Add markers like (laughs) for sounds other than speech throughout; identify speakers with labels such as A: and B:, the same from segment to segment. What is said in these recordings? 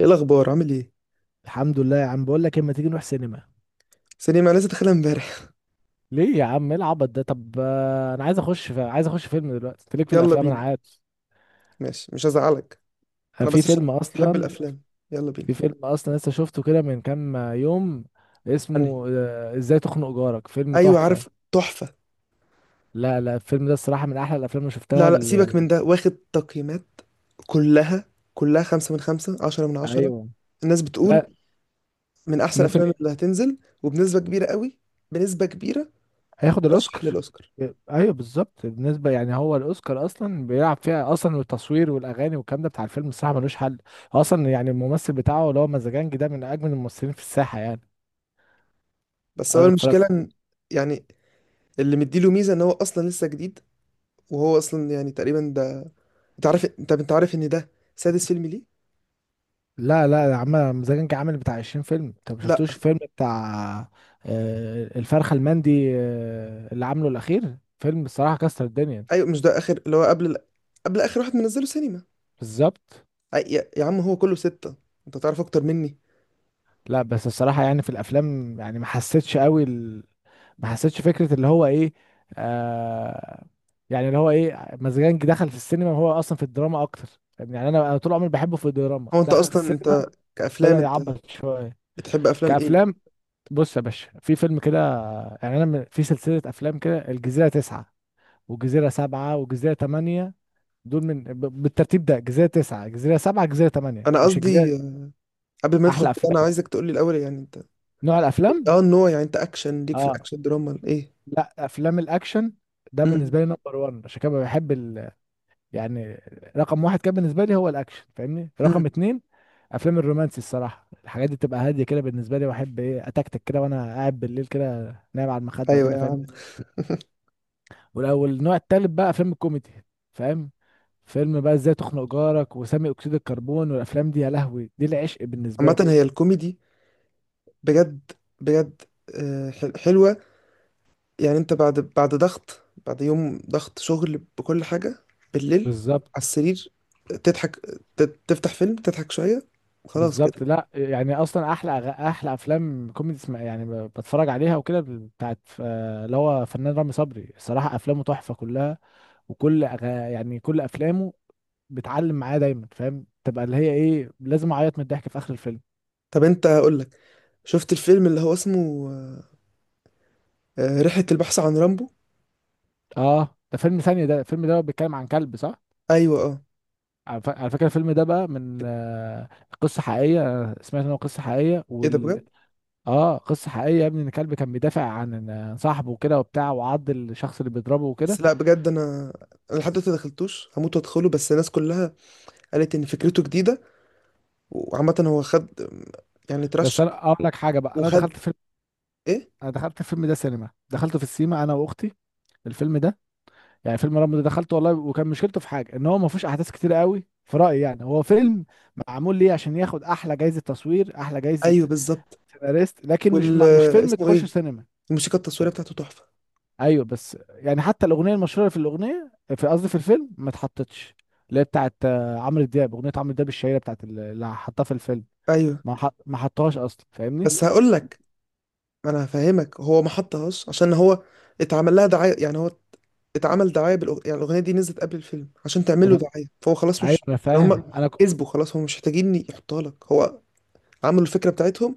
A: ايه الاخبار، عامل ايه؟
B: الحمد لله يا عم، بقول لك اما تيجي نروح سينما.
A: سليم، انا لسه داخلها امبارح.
B: ليه يا عم؟ ايه العبط ده؟ طب انا عايز عايز اخش فيلم دلوقتي. انت ليك في
A: يلا
B: الافلام انا
A: بينا.
B: عارف.
A: ماشي، مش هزعلك.
B: انا
A: انا
B: في
A: بس عشان
B: فيلم
A: بحب
B: اصلا.
A: الافلام. يلا
B: في
A: بينا.
B: فيلم اصلا لسه شفته كده من كام يوم،
A: انهي؟
B: اسمه ازاي تخنق جارك. فيلم
A: ايوه
B: تحفة.
A: عارف، تحفه.
B: لا لا، الفيلم ده الصراحة من احلى الافلام اللي شفتها
A: لا لا، سيبك من ده، واخد تقييمات كلها كلها خمسة من خمسة، عشرة من عشرة.
B: ايوه.
A: الناس بتقول
B: لا.
A: من أحسن
B: ممكن.
A: الأفلام اللي هتنزل، وبنسبة كبيرة قوي، بنسبة كبيرة،
B: هياخد الاوسكار.
A: ترشح للأوسكار.
B: ايوه بالظبط، بالنسبه يعني هو الاوسكار اصلا بيلعب فيها اصلا التصوير والاغاني والكلام ده. بتاع الفيلم الصراحه ملوش حل. اصلا يعني الممثل بتاعه اللي هو مزاجنجي ده من اجمل الممثلين في الساحه يعني.
A: بس هو المشكلة
B: اتفرجت.
A: إن... يعني اللي مديله ميزة إن هو أصلا لسه جديد. وهو أصلا يعني تقريبا ده، أنت عارف، أنت عارف إن ده سادس فيلم، ليه؟
B: لا لا، عمل مزاجنجي عامل بتاع 20 فيلم، انت ما
A: لا.
B: شفتوش الفيلم بتاع الفرخه المندي، اللي عامله الاخير. فيلم الصراحه كسر الدنيا.
A: ايوه، مش ده اخر اللي هو قبل اخر واحد منزله سينما.
B: بالظبط.
A: يا عم، هو كله ستة. انت تعرف اكتر مني.
B: لا بس الصراحة يعني في الأفلام يعني ما حسيتش قوي ما حسيتش فكرة اللي هو إيه. آه يعني اللي هو إيه، مزجنجي دخل في السينما وهو أصلا في الدراما أكتر. يعني أنا طول عمري بحبه في الدراما،
A: هو انت
B: دخل في
A: اصلا،
B: السينما
A: انت كافلام،
B: بدأ
A: انت
B: يعبط شوية.
A: بتحب افلام
B: كأفلام،
A: ايه؟
B: بص يا باشا في فيلم كده. يعني في سلسلة أفلام كده، الجزيرة تسعة وجزيرة سبعة وجزيرة تمانية، دول بالترتيب ده: جزيرة تسعة، جزيرة سبعة، جزيرة تمانية،
A: انا
B: مش
A: قصدي،
B: الجزيرة.
A: قبل ما ندخل
B: أحلى
A: كده، انا
B: أفلام،
A: عايزك تقول لي الاول، يعني انت...
B: نوع الأفلام؟
A: اه، النوع، يعني انت اكشن، ليك في
B: آه.
A: الاكشن، دراما، ايه؟
B: لا، افلام الاكشن ده
A: امم
B: بالنسبه لي نمبر 1، عشان كده بحب يعني رقم واحد كان بالنسبه لي هو الاكشن فاهمني.
A: امم
B: رقم اتنين افلام الرومانسي، الصراحه الحاجات دي بتبقى هاديه كده بالنسبه لي، واحب ايه اتكتك كده وانا قاعد بالليل كده نايم على المخده
A: ايوه
B: وكده
A: يا
B: فاهم.
A: عم.
B: والاول النوع التالت بقى فيلم كوميدي فاهم، فيلم بقى ازاي تخنق جارك وسامي اكسيد الكربون، والافلام دي يا لهوي دي العشق بالنسبه
A: عامه
B: لي.
A: هي الكوميدي بجد، بجد. حلوه. يعني انت بعد، ضغط، بعد يوم ضغط شغل بكل حاجة، بالليل، على
B: بالظبط
A: السرير، تضحك، ت- تفتح فيلم، تضحك شوية، خلاص كده.
B: بالظبط. لا يعني اصلا احلى احلى افلام كوميدي يعني بتفرج عليها وكده بتاعت اللي هو فنان رامي صبري. الصراحه افلامه تحفه كلها، وكل يعني كل افلامه بتعلم معايا دايما فاهم، تبقى اللي هي ايه، لازم اعيط من الضحك في اخر الفيلم.
A: طب انت، هقول لك، شفت الفيلم اللي هو اسمه رحلة البحث عن رامبو؟
B: اه ده فيلم ثاني، ده الفيلم ده بيتكلم عن كلب صح.
A: ايوه اه.
B: على على فكره الفيلم ده بقى من قصه حقيقيه. أنا سمعت ان هو قصه حقيقيه
A: ايه ده بجد؟
B: اه قصه حقيقيه يا ابني، ان كلب كان بيدافع عن صاحبه وكده وبتاع، وعض الشخص اللي بيضربه
A: بس
B: وكده.
A: لا، بجد انا لحد دلوقتي دخلتوش، هموت وادخله، بس الناس كلها قالت ان فكرته جديدة. وعامة هو خد، يعني
B: بس
A: ترشح،
B: انا اقول لك حاجه بقى، انا دخلت
A: وخد...
B: فيلم.
A: ايه؟
B: انا دخلت الفيلم ده سينما، دخلته في السينما انا واختي. الفيلم ده يعني فيلم رامبو ده دخلته والله، وكان مشكلته في حاجه ان هو ما فيهوش احداث كتير قوي في رايي. يعني هو فيلم معمول ليه عشان ياخد احلى جايزه تصوير، احلى جايزه
A: ايوه بالظبط.
B: سيناريست، لكن
A: وال...
B: مش فيلم
A: اسمه
B: تخش
A: ايه،
B: سينما.
A: الموسيقى التصويرية بتاعته تحفة.
B: ايوه بس يعني حتى الاغنيه المشهوره في الاغنيه في قصدي في الفيلم ما اتحطتش، اللي هي بتاعت عمرو دياب، اغنيه عمرو دياب الشهيره بتاعت اللي حطها في الفيلم
A: ايوه،
B: ما حطهاش اصلا فاهمني.
A: بس هقول لك، انا هفهمك، هو ما حطهاش عشان هو اتعمل لها دعايه، يعني هو اتعمل دعايه يعني الاغنيه دي نزلت قبل الفيلم عشان تعمل له
B: انا
A: دعايه، فهو خلاص
B: ايوه
A: مش...
B: انا
A: يعني
B: فاهم
A: هم كسبوا، خلاص هم مش محتاجين يحطها لك، هو عملوا الفكره بتاعتهم.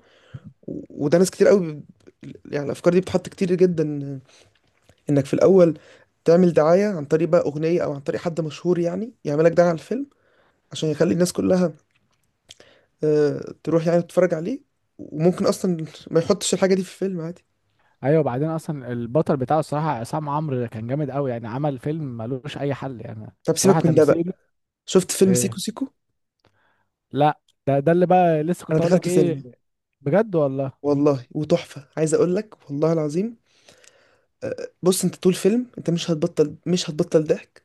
A: و... وده ناس كتير قوي يعني الافكار دي بتحط كتير جدا، انك في الاول تعمل دعايه عن طريق بقى اغنيه، او عن طريق حد مشهور يعني يعمل لك دعايه على الفيلم، عشان يخلي الناس كلها تروح يعني تتفرج عليه. وممكن اصلا ما يحطش الحاجه دي في الفيلم عادي.
B: ايوه، وبعدين اصلا البطل بتاعه الصراحه عصام عمرو كان جامد قوي، يعني عمل فيلم ملوش اي حل يعني
A: طب
B: الصراحه
A: سيبك من ده
B: تمثيل.
A: بقى. شفت فيلم سيكو
B: إيه؟
A: سيكو؟
B: لا. ده اللي بقى لسه
A: انا
B: كنت اقول لك
A: دخلته
B: ايه.
A: سينما
B: بجد والله.
A: والله، وتحفه، عايز اقول لك والله العظيم. بص، انت طول فيلم انت مش هتبطل مش هتبطل ضحك.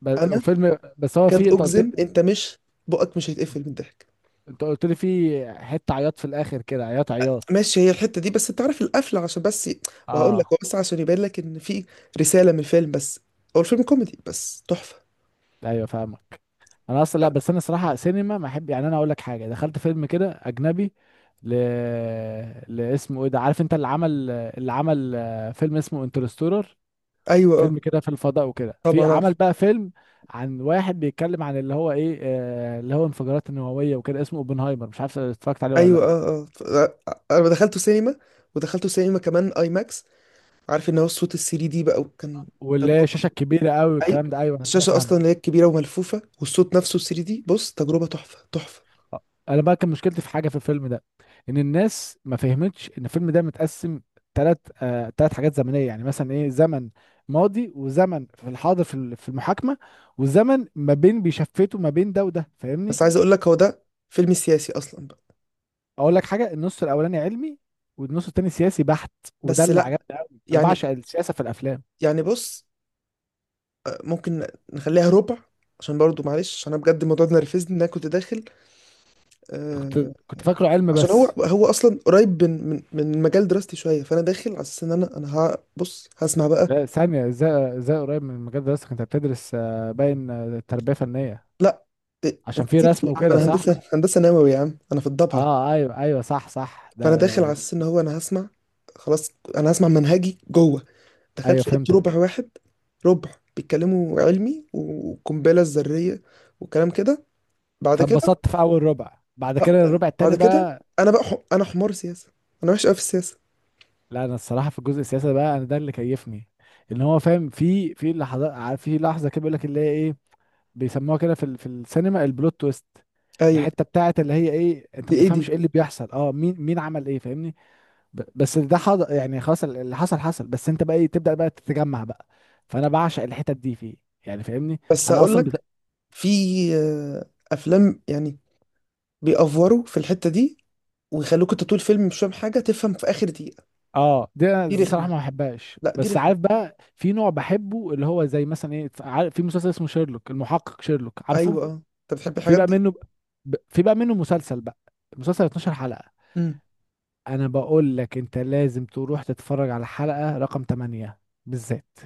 A: انا
B: وفيلم بس هو فيه،
A: اكاد
B: انت قلت لي.
A: اجزم انت مش، بقك مش هيتقفل من الضحك.
B: انت قلت لي فيه حته عياط في الاخر كده، عياط عياط.
A: ماشي، هي الحته دي، بس انت عارف القفله، عشان بس. وهقول لك، هو
B: اه
A: بس عشان يبين لك ان في رساله من الفيلم، بس هو الفيلم كوميدي بس تحفه.
B: ايوه فاهمك. انا اصلا لا، بس انا صراحه سينما ما احب، يعني انا اقول لك حاجه، دخلت فيلم كده اجنبي ل... لاسمه ايه ده؟ عارف انت اللي عمل فيلم اسمه انترستولر.
A: ايوه اه.
B: فيلم كده في الفضاء وكده،
A: طبعا
B: في عمل
A: عارف.
B: بقى فيلم عن واحد بيتكلم عن اللي هو ايه اللي هو انفجارات النووية وكده اسمه اوبنهايمر، مش عارف اتفرجت عليه ولا
A: ايوه
B: لا.
A: انا دخلته سينما، ودخلته سينما كمان اي ماكس. عارف ان هو الصوت السي دي بقى، وكان
B: واللي هي الشاشة
A: تجربه.
B: الكبيرة قوي
A: ايوه،
B: والكلام ده، ايوه انا كده
A: الشاشه اصلا اللي هي
B: فاهمك.
A: كبيره وملفوفه، والصوت نفسه 3D دي، بص تجربه تحفه، تحفه.
B: انا بقى كان مشكلتي في حاجة في الفيلم ده، ان الناس ما فهمتش ان الفيلم ده متقسم ثلاث حاجات زمنية. يعني مثلا ايه، زمن ماضي وزمن في الحاضر في في المحاكمة، وزمن ما بين بيشفتوا ما بين ده وده فاهمني.
A: بس عايز اقول لك، هو ده فيلم سياسي اصلا بقى.
B: اقول لك حاجه، النص الاولاني علمي والنص التاني سياسي بحت، وده
A: بس مم.
B: اللي
A: لا،
B: عجبني قوي. انا
A: يعني،
B: بعشق السياسه في الافلام.
A: بص، ممكن نخليها ربع، عشان برضو معلش، عشان انا بجد الموضوع ده نرفزني، ان انا كنت داخل
B: كنت
A: آه
B: كنت فاكره علم
A: عشان هو
B: بس.
A: هو اصلا قريب من مجال دراستي شويه. فانا داخل على اساس ان انا ها بص، هسمع بقى.
B: لا ثانيه، ازاي قريب من المجال ده اصلا؟ كنت بتدرس باين تربيه فنيه
A: لا، إيه،
B: عشان
A: انت
B: في
A: نسيت
B: رسم
A: تقول يا عم،
B: وكده
A: انا
B: صح.
A: هندسه، نووي يا عم، انا في الضبعه.
B: اه ايوه ايوه صح صح
A: فانا داخل على
B: ده.
A: اساس ان هو انا هسمع، خلاص، انا هسمع منهجي جوه.
B: ايوه
A: دخلت لقيت ربع
B: فهمتك.
A: واحد، ربع بيتكلموا علمي والقنبله الذريه وكلام كده. بعد كده،
B: فاتبسطت في اول ربع، بعد كده الربع
A: بعد
B: التاني
A: كده
B: بقى.
A: انا بقى، انا حمار سياسه، انا وحش قوي في السياسه.
B: لا انا الصراحه في الجزء السياسي ده بقى انا، ده اللي كيفني. ان هو فاهم في لحظات في لحظه كده بيقول لك اللي هي ايه، بيسموها كده في في السينما البلوت تويست.
A: ايوه.
B: الحته بتاعت اللي هي ايه، انت
A: دي
B: ما
A: ايه
B: تفهمش ايه
A: دي؟
B: اللي بيحصل. اه مين عمل ايه فاهمني. بس ده يعني خلاص اللي حصل حصل، بس انت بقى ايه تبدا بقى تتجمع بقى. فانا بعشق الحتت دي فيه، يعني فاهمني.
A: بس
B: انا
A: هقول
B: اصلا بت...
A: لك، في افلام يعني بيأفوروا في الحته دي، ويخلوك انت طول الفيلم مش فاهم حاجه، تفهم في اخر دقيقه.
B: اه دي انا
A: دي
B: دي
A: رخمه،
B: صراحه ما بحبهاش.
A: لا دي
B: بس
A: رخمه.
B: عارف بقى في نوع بحبه اللي هو زي مثلا ايه، عارف في مسلسل اسمه شيرلوك، المحقق شيرلوك عارفه.
A: ايوه اه، انت بتحب
B: في
A: الحاجات
B: بقى
A: دي.
B: منه في بقى منه مسلسل بقى، المسلسل 12 حلقه.
A: امم
B: انا بقول لك انت لازم تروح تتفرج على حلقة رقم 8 بالذات.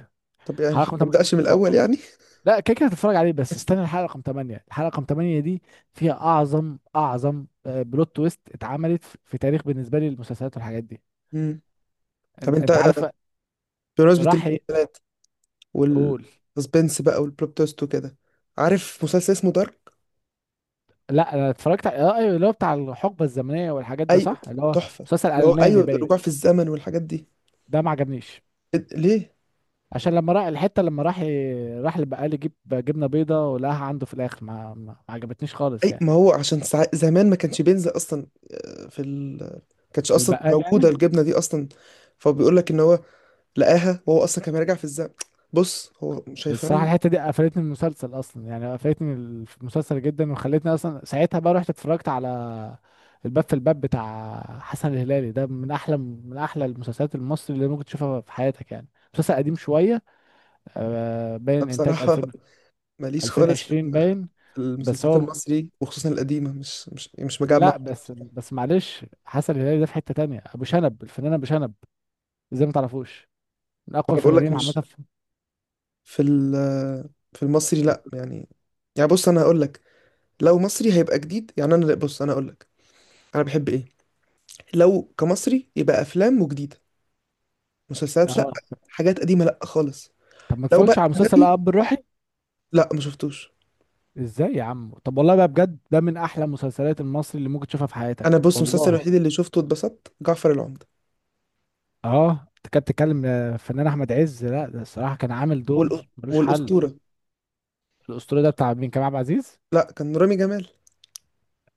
A: طب يعني
B: حلقة رقم
A: ما
B: 8.
A: ابداش من
B: أو-
A: الاول يعني.
B: لا كده كده هتتفرج عليه، بس استنى الحلقة رقم 8. الحلقة رقم 8 دي فيها اعظم بلوت تويست اتعملت في في تاريخ بالنسبة لي المسلسلات والحاجات دي.
A: امم طب انت،
B: انت عارف
A: بمناسبه
B: راح
A: المسلسلات
B: يقول.
A: والسسبنس بقى والبلوت تويست وكده، عارف مسلسل اسمه دارك؟
B: لا انا اتفرجت على أيوة، اللي هو بتاع الحقبة الزمنية والحاجات ده
A: اي،
B: صح، اللي هو
A: تحفة.
B: مسلسل
A: اللي هو
B: الماني
A: ايوه،
B: باين.
A: رجوع في الزمن والحاجات دي.
B: ده ما عجبنيش
A: ليه؟
B: عشان لما راح الحته، لما راح البقال يجيب جبنه بيضه ولقاها عنده في الاخر. ما عجبتنيش خالص
A: اي،
B: يعني.
A: ما هو عشان زمان ما كانش بينزل اصلا. آه، في ال ما كانتش اصلا
B: البقال
A: موجودة
B: يعني.
A: الجبنة دي اصلا، فبيقول لك ان هو لقاها وهو اصلا كان راجع في الزمن. بص هو مش
B: الصراحه
A: هيفهمها.
B: الحته دي قفلتني من المسلسل اصلا، يعني قفلتني من المسلسل جدا، وخلتني اصلا ساعتها بقى رحت اتفرجت على الباب. في الباب بتاع حسن الهلالي ده من احلى من احلى المسلسلات المصري اللي ممكن تشوفها في حياتك يعني. مسلسل قديم شويه
A: أنا
B: باين انتاج
A: بصراحة
B: 2000،
A: (laughs) ماليش خالص
B: 2020 باين.
A: في
B: بس
A: المسلسلات
B: هو
A: المصري، وخصوصا القديمة، مش مجمع.
B: لا، بس معلش، حسن الهلالي ده في حته تانية ابو شنب، الفنان ابو شنب، ازاي ما تعرفوش؟ من
A: ما
B: اقوى
A: انا بقول لك،
B: الفنانين عامه
A: مش في ال في المصري، لا
B: (laughs)
A: يعني. يعني بص، انا هقول لك، لو مصري هيبقى جديد يعني. انا بص، انا هقول لك، انا بحب ايه، لو كمصري يبقى افلام وجديده، مسلسلات لا،
B: اه.
A: حاجات قديمه لا خالص.
B: طب ما
A: لو بقى...
B: تتفرجش على مسلسل اب الروحي؟
A: لا، ما شفتوش.
B: ازاي يا عم؟ طب والله بقى بجد ده من احلى المسلسلات المصري اللي ممكن تشوفها في
A: انا
B: حياتك
A: بص، المسلسل
B: والله.
A: الوحيد اللي شفته واتبسطت جعفر العمدة.
B: اه انت كانت بتتكلم الفنان احمد عز، لا ده الصراحه كان عامل دور
A: والأ...
B: ملوش حل.
A: والاسطوره.
B: الاسطوره ده بتاع مين، كريم عبد العزيز؟
A: لا، كان رامي جمال.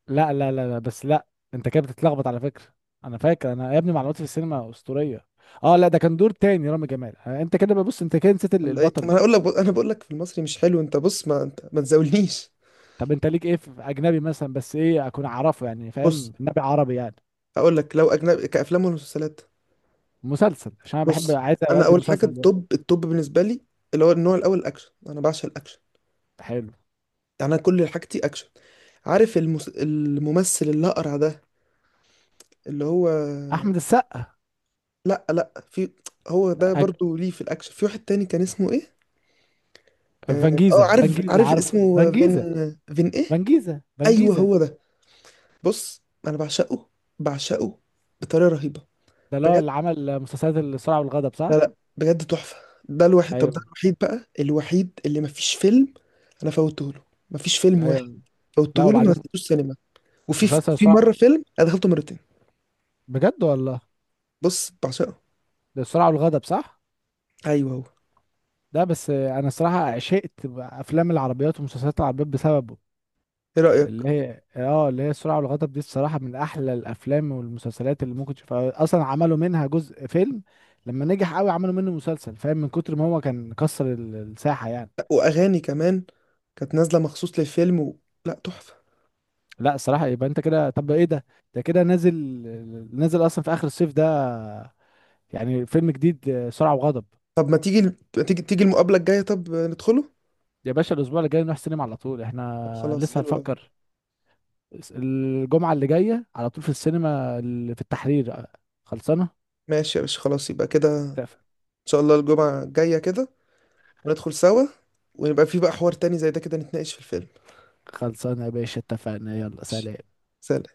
B: لا لا لا لا، بس لا، انت كده بتتلخبط على فكره. انا فاكر انا يا ابني، معلوماتي في السينما اسطوريه. اه لا ده كان دور تاني رامي جمال. انت كده ببص انت كده نسيت
A: ولا ايه؟ ما
B: البطل.
A: انا هقول لك، انا بقول لك في المصري مش حلو، انت بص، ما تزاولنيش.
B: طب انت ليك ايه في اجنبي مثلا، بس ايه اكون اعرفه يعني
A: بص
B: فاهم، النبي عربي يعني.
A: هقول لك، لو اجنبي كافلام ومسلسلات،
B: مسلسل عشان انا بحب،
A: بص،
B: عايز
A: انا
B: اودي
A: اول حاجه
B: مسلسل ده.
A: التوب، التوب بالنسبه لي، اللي هو النوع الاول الاكشن، انا بعشق الاكشن.
B: حلو.
A: انا كل حاجتي اكشن. عارف الممثل الاقرع ده، اللي هو...
B: احمد السقا.
A: لا لا، في (tsk) هو ده
B: أج...
A: برضو، ليه في الاكشن، في واحد تاني كان اسمه ايه.
B: فانجيزا.
A: عارف
B: فانجيزا
A: عارف
B: عارف
A: اسمه فين.
B: فانجيزا.
A: فين ايه؟
B: فانجيزا
A: ايوه،
B: فانجيزا.
A: هو ده. بص انا بعشقه، بعشقه بطريقه رهيبه.
B: ده اللي هو
A: بجد،
B: اللي عمل مسلسلات السرعه والغضب
A: لا
B: صح.
A: لا، بجد تحفه. ده الواحد، طب ده
B: ايوه
A: الوحيد بقى، الوحيد اللي مفيش فيلم انا فوتته له. مفيش فيلم واحد
B: ايوه. لا
A: فوتته له، ما
B: وبعدين
A: دخلتوش سينما. وفي
B: مسلسل السرعه.
A: مره فيلم انا دخلته مرتين.
B: بجد والله.
A: بص بعشقه.
B: ده السرعه والغضب صح.
A: ايوه هو.
B: ده بس انا الصراحه عشقت افلام العربيات ومسلسلات العربيات بسببه.
A: ايه رأيك؟
B: اللي هي السرعة والغضب دي الصراحة من أحلى الأفلام والمسلسلات اللي ممكن تشوفها. أصلا عملوا منها جزء فيلم، لما نجح قوي عملوا منه مسلسل فاهم، من كتر ما هو كان كسر الساحة يعني.
A: لأ، واغاني كمان كانت نازلة مخصوص للفيلم، و... لا، تحفة.
B: لا الصراحة يبقى أنت كده، طب إيه ده، ده كده نازل، نازل أصلا في آخر الصيف ده، يعني فيلم جديد سرعة وغضب.
A: طب ما تيجي، تيجي المقابلة الجاية، طب ندخله.
B: يا باشا الأسبوع اللي جاي نروح السينما على طول،
A: طب
B: إحنا
A: خلاص،
B: لسه
A: حلو قوي.
B: هنفكر. الجمعة اللي جاية على طول في السينما في التحرير خلصانة.
A: ماشي يا باشا، خلاص يبقى كده ان
B: اتفق-
A: شاء الله الجمعة الجاية كده، وندخل سوا، ونبقى في بقى حوار تاني زي ده كده، نتناقش في الفيلم.
B: خلصانة يا باشا اتفقنا، يلا
A: ماشي.
B: سلام.
A: سلام.